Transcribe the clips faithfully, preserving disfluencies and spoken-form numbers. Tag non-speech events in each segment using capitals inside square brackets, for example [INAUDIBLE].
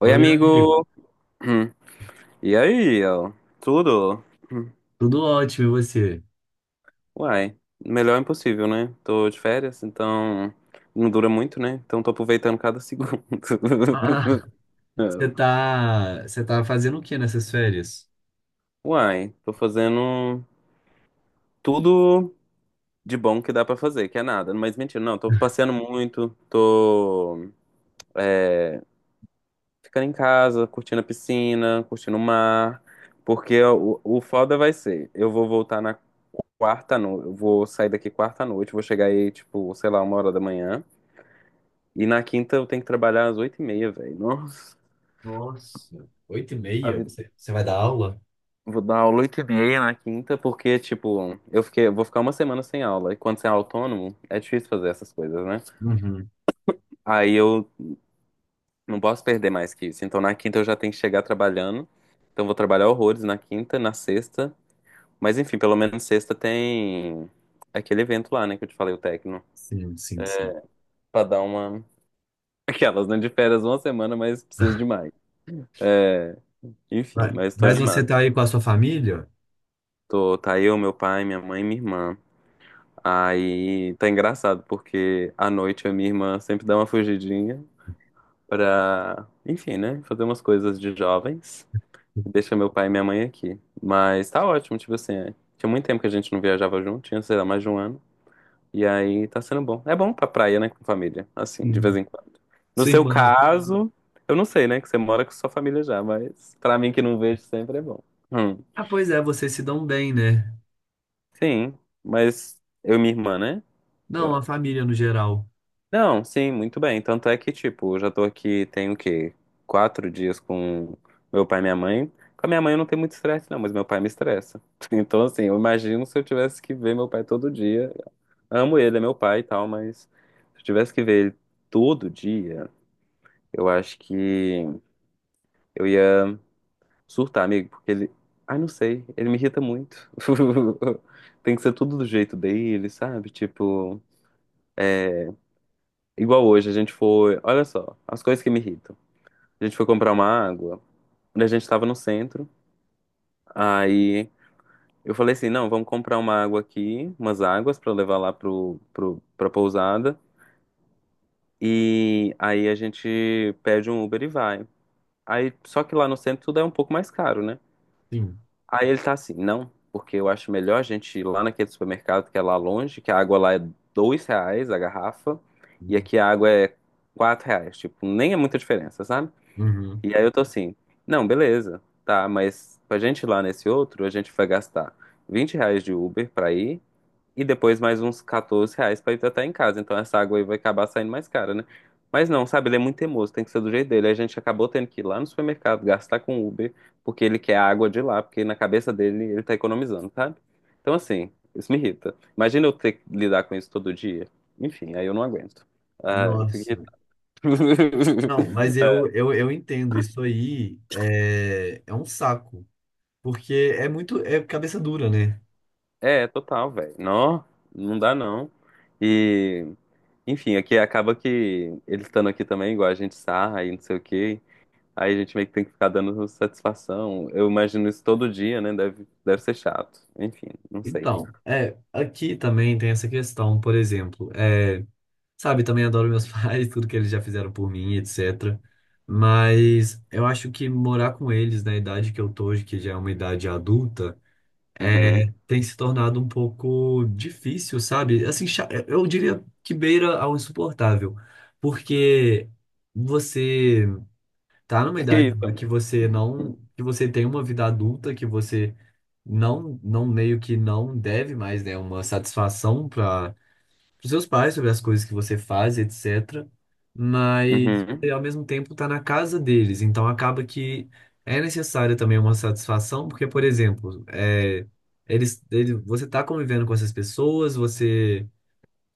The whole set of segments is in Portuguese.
Oi, Oi, amigo. amigo! Hum. E aí, ó? Tudo? Hum. Tudo ótimo, e você? Uai, melhor é impossível, né? Tô de férias, então não dura muito, né? Então tô aproveitando cada segundo. Ah, [LAUGHS] você tá, você tá fazendo o que nessas férias? Uai, tô fazendo tudo de bom que dá pra fazer, que é nada. Mas mentira, não, tô passeando muito, tô ficando em casa, curtindo a piscina, curtindo o mar, porque o, o foda vai ser, eu vou voltar na quarta noite. Eu vou sair daqui quarta à noite, vou chegar aí, tipo, sei lá, uma hora da manhã. E na quinta eu tenho que trabalhar às oito e meia, velho. Nossa, Nossa, oito e a meia? vida- Você, você vai dar aula? vou dar aula oito e meia na quinta, porque, tipo, eu fiquei, eu vou ficar uma semana sem aula. E quando você é autônomo, é difícil fazer essas coisas, né? Uhum. Aí eu não posso perder mais que isso. Então na quinta eu já tenho que chegar trabalhando. Então eu vou trabalhar horrores na quinta, na sexta. Mas enfim, pelo menos sexta tem aquele evento lá, né, que eu te falei, o Tecno. Sim, sim, sim. Pra dar uma aquelas, né? De férias uma semana, mas preciso demais. É, enfim, Vai. mas tô Mas você animado. tá aí com a sua família? Tô, tá eu, meu pai, minha mãe e minha irmã. Aí tá engraçado, porque à noite a minha irmã sempre dá uma fugidinha pra, enfim, né? Fazer umas coisas de jovens. Deixa meu pai e minha mãe aqui. Mas tá ótimo, tipo assim, é. Tinha muito tempo que a gente não viajava junto, tinha, sei lá, mais de um ano. E aí tá sendo bom. É bom pra praia, né, com família. Assim, de Sim. vez em quando. No Sua seu irmã? caso, eu não sei, né, que você mora com sua família já, mas pra mim que não vejo sempre é bom. Hum, Ah, pois é, vocês se dão bem, né? sim, mas eu e minha irmã, né? Eu- Não, a família no geral. Não, sim, muito bem. Tanto é que, tipo, eu já tô aqui, tem o quê? Quatro dias com meu pai e minha mãe. Com a minha mãe eu não tenho muito estresse, não, mas meu pai me estressa. [LAUGHS] Então, assim, eu imagino se eu tivesse que ver meu pai todo dia. Amo ele, é meu pai e tal, mas se eu tivesse que ver ele todo dia. Eu acho que eu ia surtar, amigo, porque ele. Ai, não sei, ele me irrita muito. [LAUGHS] Tem que ser tudo do jeito dele, sabe? Tipo, igual hoje, a gente foi. Olha só, as coisas que me irritam. A gente foi comprar uma água, quando a gente tava no centro, aí eu falei assim: não, vamos comprar uma água aqui, umas águas pra levar lá pro, pro, pra pousada, e aí a gente pede um Uber e vai. Aí, só que lá no centro tudo é um pouco mais caro, né? Sim. Aí ele tá assim, não, porque eu acho melhor a gente ir lá naquele supermercado que é lá longe, que a água lá é dois reais a garrafa, e aqui a água é quatro reais, tipo, nem é muita diferença, sabe? Uhum. E aí eu tô assim, não, beleza, tá, mas pra gente ir lá nesse outro, a gente vai gastar vinte reais de Uber pra ir, e depois mais uns quatorze reais pra hidratar em casa. Então essa água aí vai acabar saindo mais cara, né? Mas não, sabe? Ele é muito teimoso, tem que ser do jeito dele. A gente acabou tendo que ir lá no supermercado, gastar com Uber, porque ele quer a água de lá, porque na cabeça dele ele tá economizando, sabe? Então assim, isso me irrita. Imagina eu ter que lidar com isso todo dia. Enfim, aí eu não aguento. Ah, eu fico Nossa. irritado. Não, mas [LAUGHS] eu, eu, eu entendo, isso aí é, é um saco, porque é muito, é cabeça dura, né? É, total, velho. Não, não dá não. E, enfim, aqui acaba que ele estando aqui também, igual a gente sarra e não sei o quê. Aí a gente meio que tem que ficar dando satisfação. Eu imagino isso todo dia, né? Deve, deve ser chato. Enfim, não sei. Então, é, aqui também tem essa questão, por exemplo, é, sabe, também adoro meus [LAUGHS] pais, tudo que eles já fizeram por mim, etcétera. Mas eu acho que morar com eles na idade que eu tô hoje, que já é uma idade adulta, Uhum. é, tem se tornado um pouco difícil, sabe? Assim, cha- eu diria que beira ao insuportável, porque você tá numa Que idade lá que isso? você não, que você tem uma vida adulta, que você não, não meio que não deve mais, né, uma satisfação para os seus pais sobre as coisas que você faz, etcétera. Mas Uhum. você, ao mesmo tempo está na casa deles, então acaba que é necessária também uma satisfação, porque, por exemplo, é, eles, ele, você está convivendo com essas pessoas, você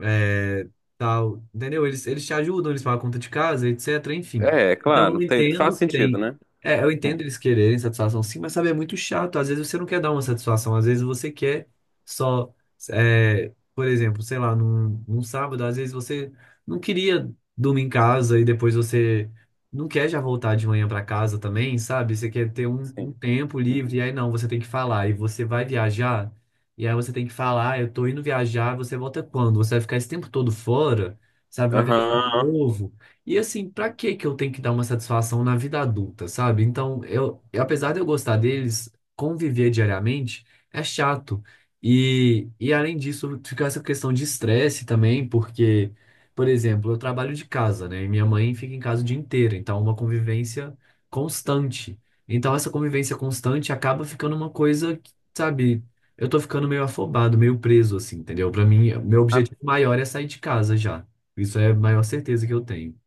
é, tal, entendeu? Eles, eles te ajudam, eles pagam a conta de casa, etcétera. Enfim. É, é Então claro. eu Tem, faz entendo que sentido, tem. né? É, eu Uhum, entendo eles quererem satisfação sim, mas sabe, é muito chato. Às vezes você não quer dar uma satisfação, às vezes você quer só. É, por exemplo, sei lá, num, num sábado, às vezes você não queria dormir em casa e depois você não quer já voltar de manhã para casa também, sabe? Você quer ter um, um sim. tempo livre, e aí não, você tem que falar, e você vai viajar. E aí você tem que falar: "Ah, eu tô indo viajar, você volta quando? Você vai ficar esse tempo todo fora, sabe? Vai viajar de Aham. novo. E assim, pra que que eu tenho que dar uma satisfação na vida adulta, sabe? Então, eu, eu- apesar de eu gostar deles, conviver diariamente é chato. E, e além disso, fica essa questão de estresse também, porque, por exemplo, eu trabalho de casa, né? E minha mãe fica em casa o dia inteiro, então é uma convivência constante. Então, essa convivência constante acaba ficando uma coisa, que, sabe? Eu tô ficando meio afobado, meio preso, assim, entendeu? Pra mim, meu Ah, objetivo maior é sair de casa já. Isso é a maior certeza que eu tenho.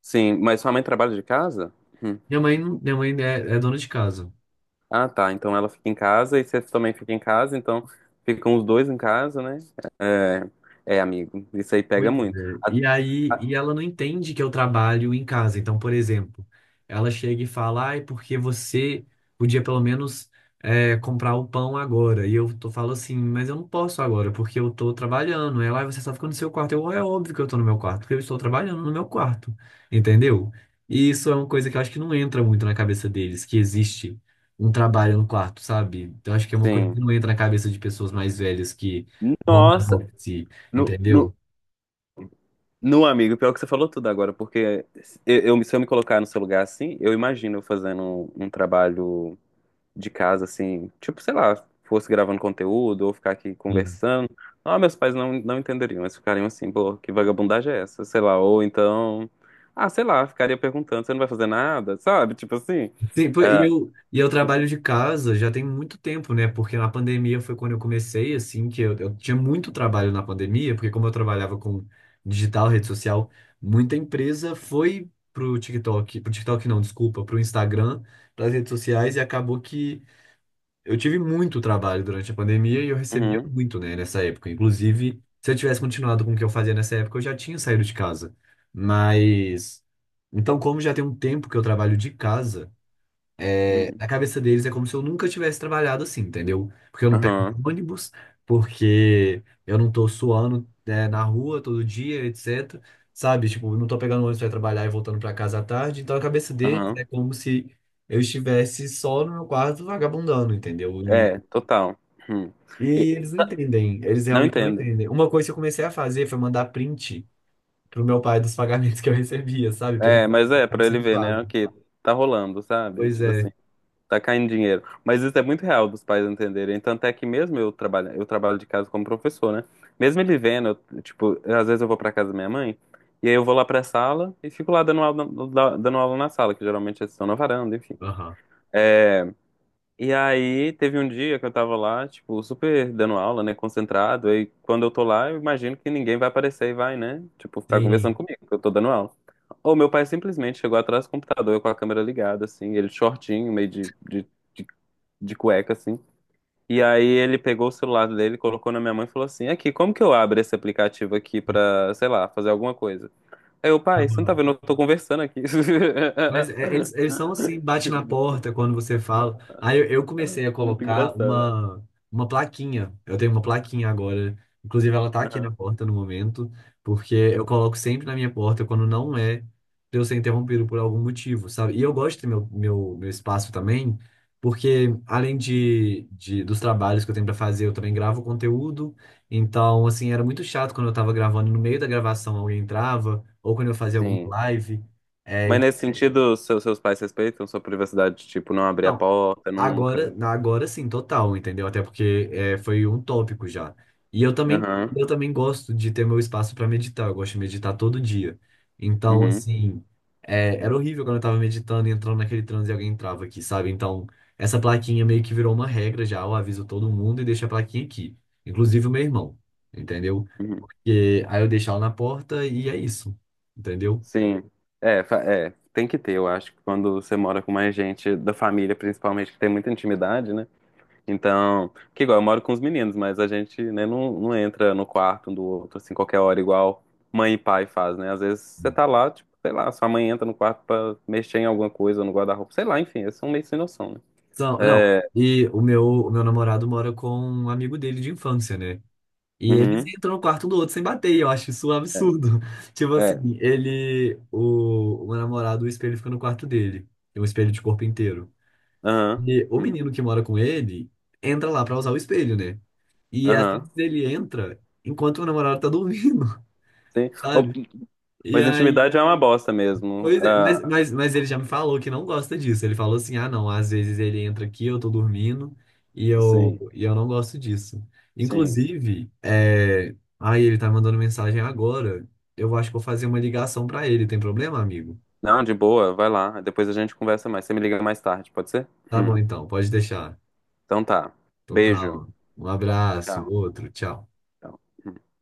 sim, mas sua mãe trabalha de casa? Uhum. Minha mãe, não- minha mãe é, é dona de casa. Ah, tá. Então ela fica em casa e você também fica em casa, então ficam os dois em casa, né? É, é, amigo. Isso aí pega Pois muito. é. Ah, E aí, e ela não entende que eu trabalho em casa. Então, por exemplo, ela chega e fala: ai, porque você podia pelo menos é, comprar o pão agora. E eu tô, falo assim, mas eu não posso agora, porque eu tô trabalhando. Ela: ai, você só fica no seu quarto. Eu, é óbvio que eu tô no meu quarto, porque eu estou trabalhando no meu quarto. Entendeu? E isso é uma coisa que eu acho que não entra muito na cabeça deles, que existe um trabalho no quarto, sabe? Então, acho que é uma coisa sim. que não entra na cabeça de pessoas mais velhas que vão Nossa, home office, no, no- entendeu? não, amigo, pior que você falou tudo agora, porque eu, eu- se eu me colocar no seu lugar assim, eu imagino eu fazendo um, um trabalho de casa assim, tipo, sei lá, fosse gravando conteúdo ou ficar aqui conversando. Ah, meus pais não, não entenderiam, eles ficariam assim, pô, que vagabundagem é essa? Sei lá, ou então, ah, sei lá, ficaria perguntando, você não vai fazer nada, sabe? Tipo assim. Sim, pô, e Ah, eu, e eu trabalho de casa já tem muito tempo, né? Porque na pandemia foi quando eu comecei, assim, que eu, eu tinha muito trabalho na pandemia, porque como eu trabalhava com digital, rede social, muita empresa foi pro TikTok, pro TikTok não, desculpa, pro Instagram, pras redes sociais, e acabou que eu tive muito trabalho durante a pandemia e eu recebia uhum, muito, né, nessa época. Inclusive, se eu tivesse continuado com o que eu fazia nessa época, eu já tinha saído de casa. Mas, então, como já tem um tempo que eu trabalho de casa, é, uhum, na cabeça deles é como se eu nunca tivesse trabalhado assim, entendeu? Porque eu não pego aham, ônibus, porque eu não tô suando, né, na rua todo dia, etcétera. Sabe? Tipo, eu não tô pegando ônibus pra trabalhar e voltando pra casa à tarde. Então, a cabeça deles é aham. como se eu estivesse só no meu quarto vagabundando, entendeu? E, É, total. Uhum. E- e eles não entendem. Eles não realmente não entendem. entendem. Uma coisa que eu comecei a fazer foi mandar print pro meu pai dos [LAUGHS] pagamentos que eu recebia, sabe? Pra ele É, mas que é, tava pra ele sendo ver, né? pago. Ok, tá rolando, sabe? Pois Tipo é. assim, tá caindo dinheiro. Mas isso é muito real dos pais entenderem. Tanto é que mesmo eu trabalho, eu trabalho de casa como professor, né? Mesmo ele vendo, eu, tipo, às vezes eu vou pra casa da minha mãe, e aí eu vou lá pra sala e fico lá dando aula, na- da- dando aula na sala, que geralmente eles estão na varanda, enfim. Aham. E aí teve um dia que eu tava lá, tipo, super dando aula, né, concentrado. E quando eu tô lá, eu imagino que ninguém vai aparecer e vai, né, tipo, ficar conversando Sim. comigo, porque eu tô dando aula. Ou meu pai simplesmente chegou atrás do computador, eu com a câmera ligada, assim, ele shortinho, meio de, de, de, de cueca, assim. E aí ele pegou o celular dele, colocou na minha mãe e falou assim, aqui, como que eu abro esse aplicativo aqui pra, sei lá, fazer alguma coisa? Aí eu, pai, você não tá vendo, eu tô conversando aqui. [LAUGHS] Mas é- eles, eles são assim, bate na Tipo, porta quando você fala. Aí eu, eu comecei a é muito colocar engraçado. uma, uma plaquinha. Eu tenho uma plaquinha agora. Inclusive, ela tá aqui na Aham. porta no momento, porque eu coloco sempre na minha porta quando não é pra eu ser interrompido por algum motivo, sabe? E eu gosto do meu, meu, meu espaço também, porque além de, de dos trabalhos que eu tenho pra fazer, eu também gravo conteúdo. Então, assim, era muito chato quando eu tava gravando, no meio da gravação alguém entrava, ou quando eu fazia alguma Sim. live. É, Mas nesse sentido, seu- seus pais respeitam sua privacidade, tipo, não abrir a então, porta agora, nunca. na- agora sim, total, entendeu? Até porque é, foi um tópico já. E eu também, Aham. eu também gosto de ter meu espaço para meditar. Eu gosto de meditar todo dia. Então, Uhum. assim, é, era horrível quando eu tava meditando e entrando naquele transe e alguém entrava aqui, sabe? Então, essa plaquinha meio que virou uma regra já. Eu aviso todo mundo e deixo a plaquinha aqui. Inclusive o meu irmão, entendeu? Uhum. E aí eu deixo ela na porta e é isso, entendeu? Sim. É, fa- é, tem que ter, eu acho, que quando você mora com mais gente da família, principalmente, que tem muita intimidade, né? Então, que igual, eu moro com os meninos, mas a gente, né, não, não entra no quarto um do outro, assim, qualquer hora, igual mãe e pai faz, né? Às vezes você tá lá, tipo, sei lá, sua mãe entra no quarto pra mexer em alguma coisa, no guarda-roupa, sei lá, enfim, eles são meio sem noção, né? São, não, É, e o meu, o meu namorado mora com um amigo dele de infância, né? E eles uhum, entram no quarto do outro sem bater, e eu acho isso um é, absurdo. [LAUGHS] Tipo assim, é. ele. O, o meu namorado, o espelho fica no quarto dele. Tem um espelho de corpo inteiro. Aham. E o Hum, menino que mora com ele entra lá pra usar o espelho, né? E às aham. vezes ele entra enquanto o namorado tá dormindo, Sim. [LAUGHS] Ou- sabe? E Mas aí intimidade é uma bosta mesmo. pois é, mas, Ah, mas, mas ele já me falou que não gosta disso. Ele falou assim: ah, não, às vezes ele entra aqui, eu tô dormindo e eu, sim, e eu não gosto disso. sim. Inclusive, é... aí ele tá mandando mensagem agora. Eu acho que vou fazer uma ligação pra ele. Tem problema, amigo? Não, de boa, vai lá. Depois a gente conversa mais. Você me liga mais tarde, pode ser? Tá Hum, bom, então, pode deixar. Então tá. Então tá, Beijo. ó. Um abraço, Tchau. outro, tchau. Tchau. Hum.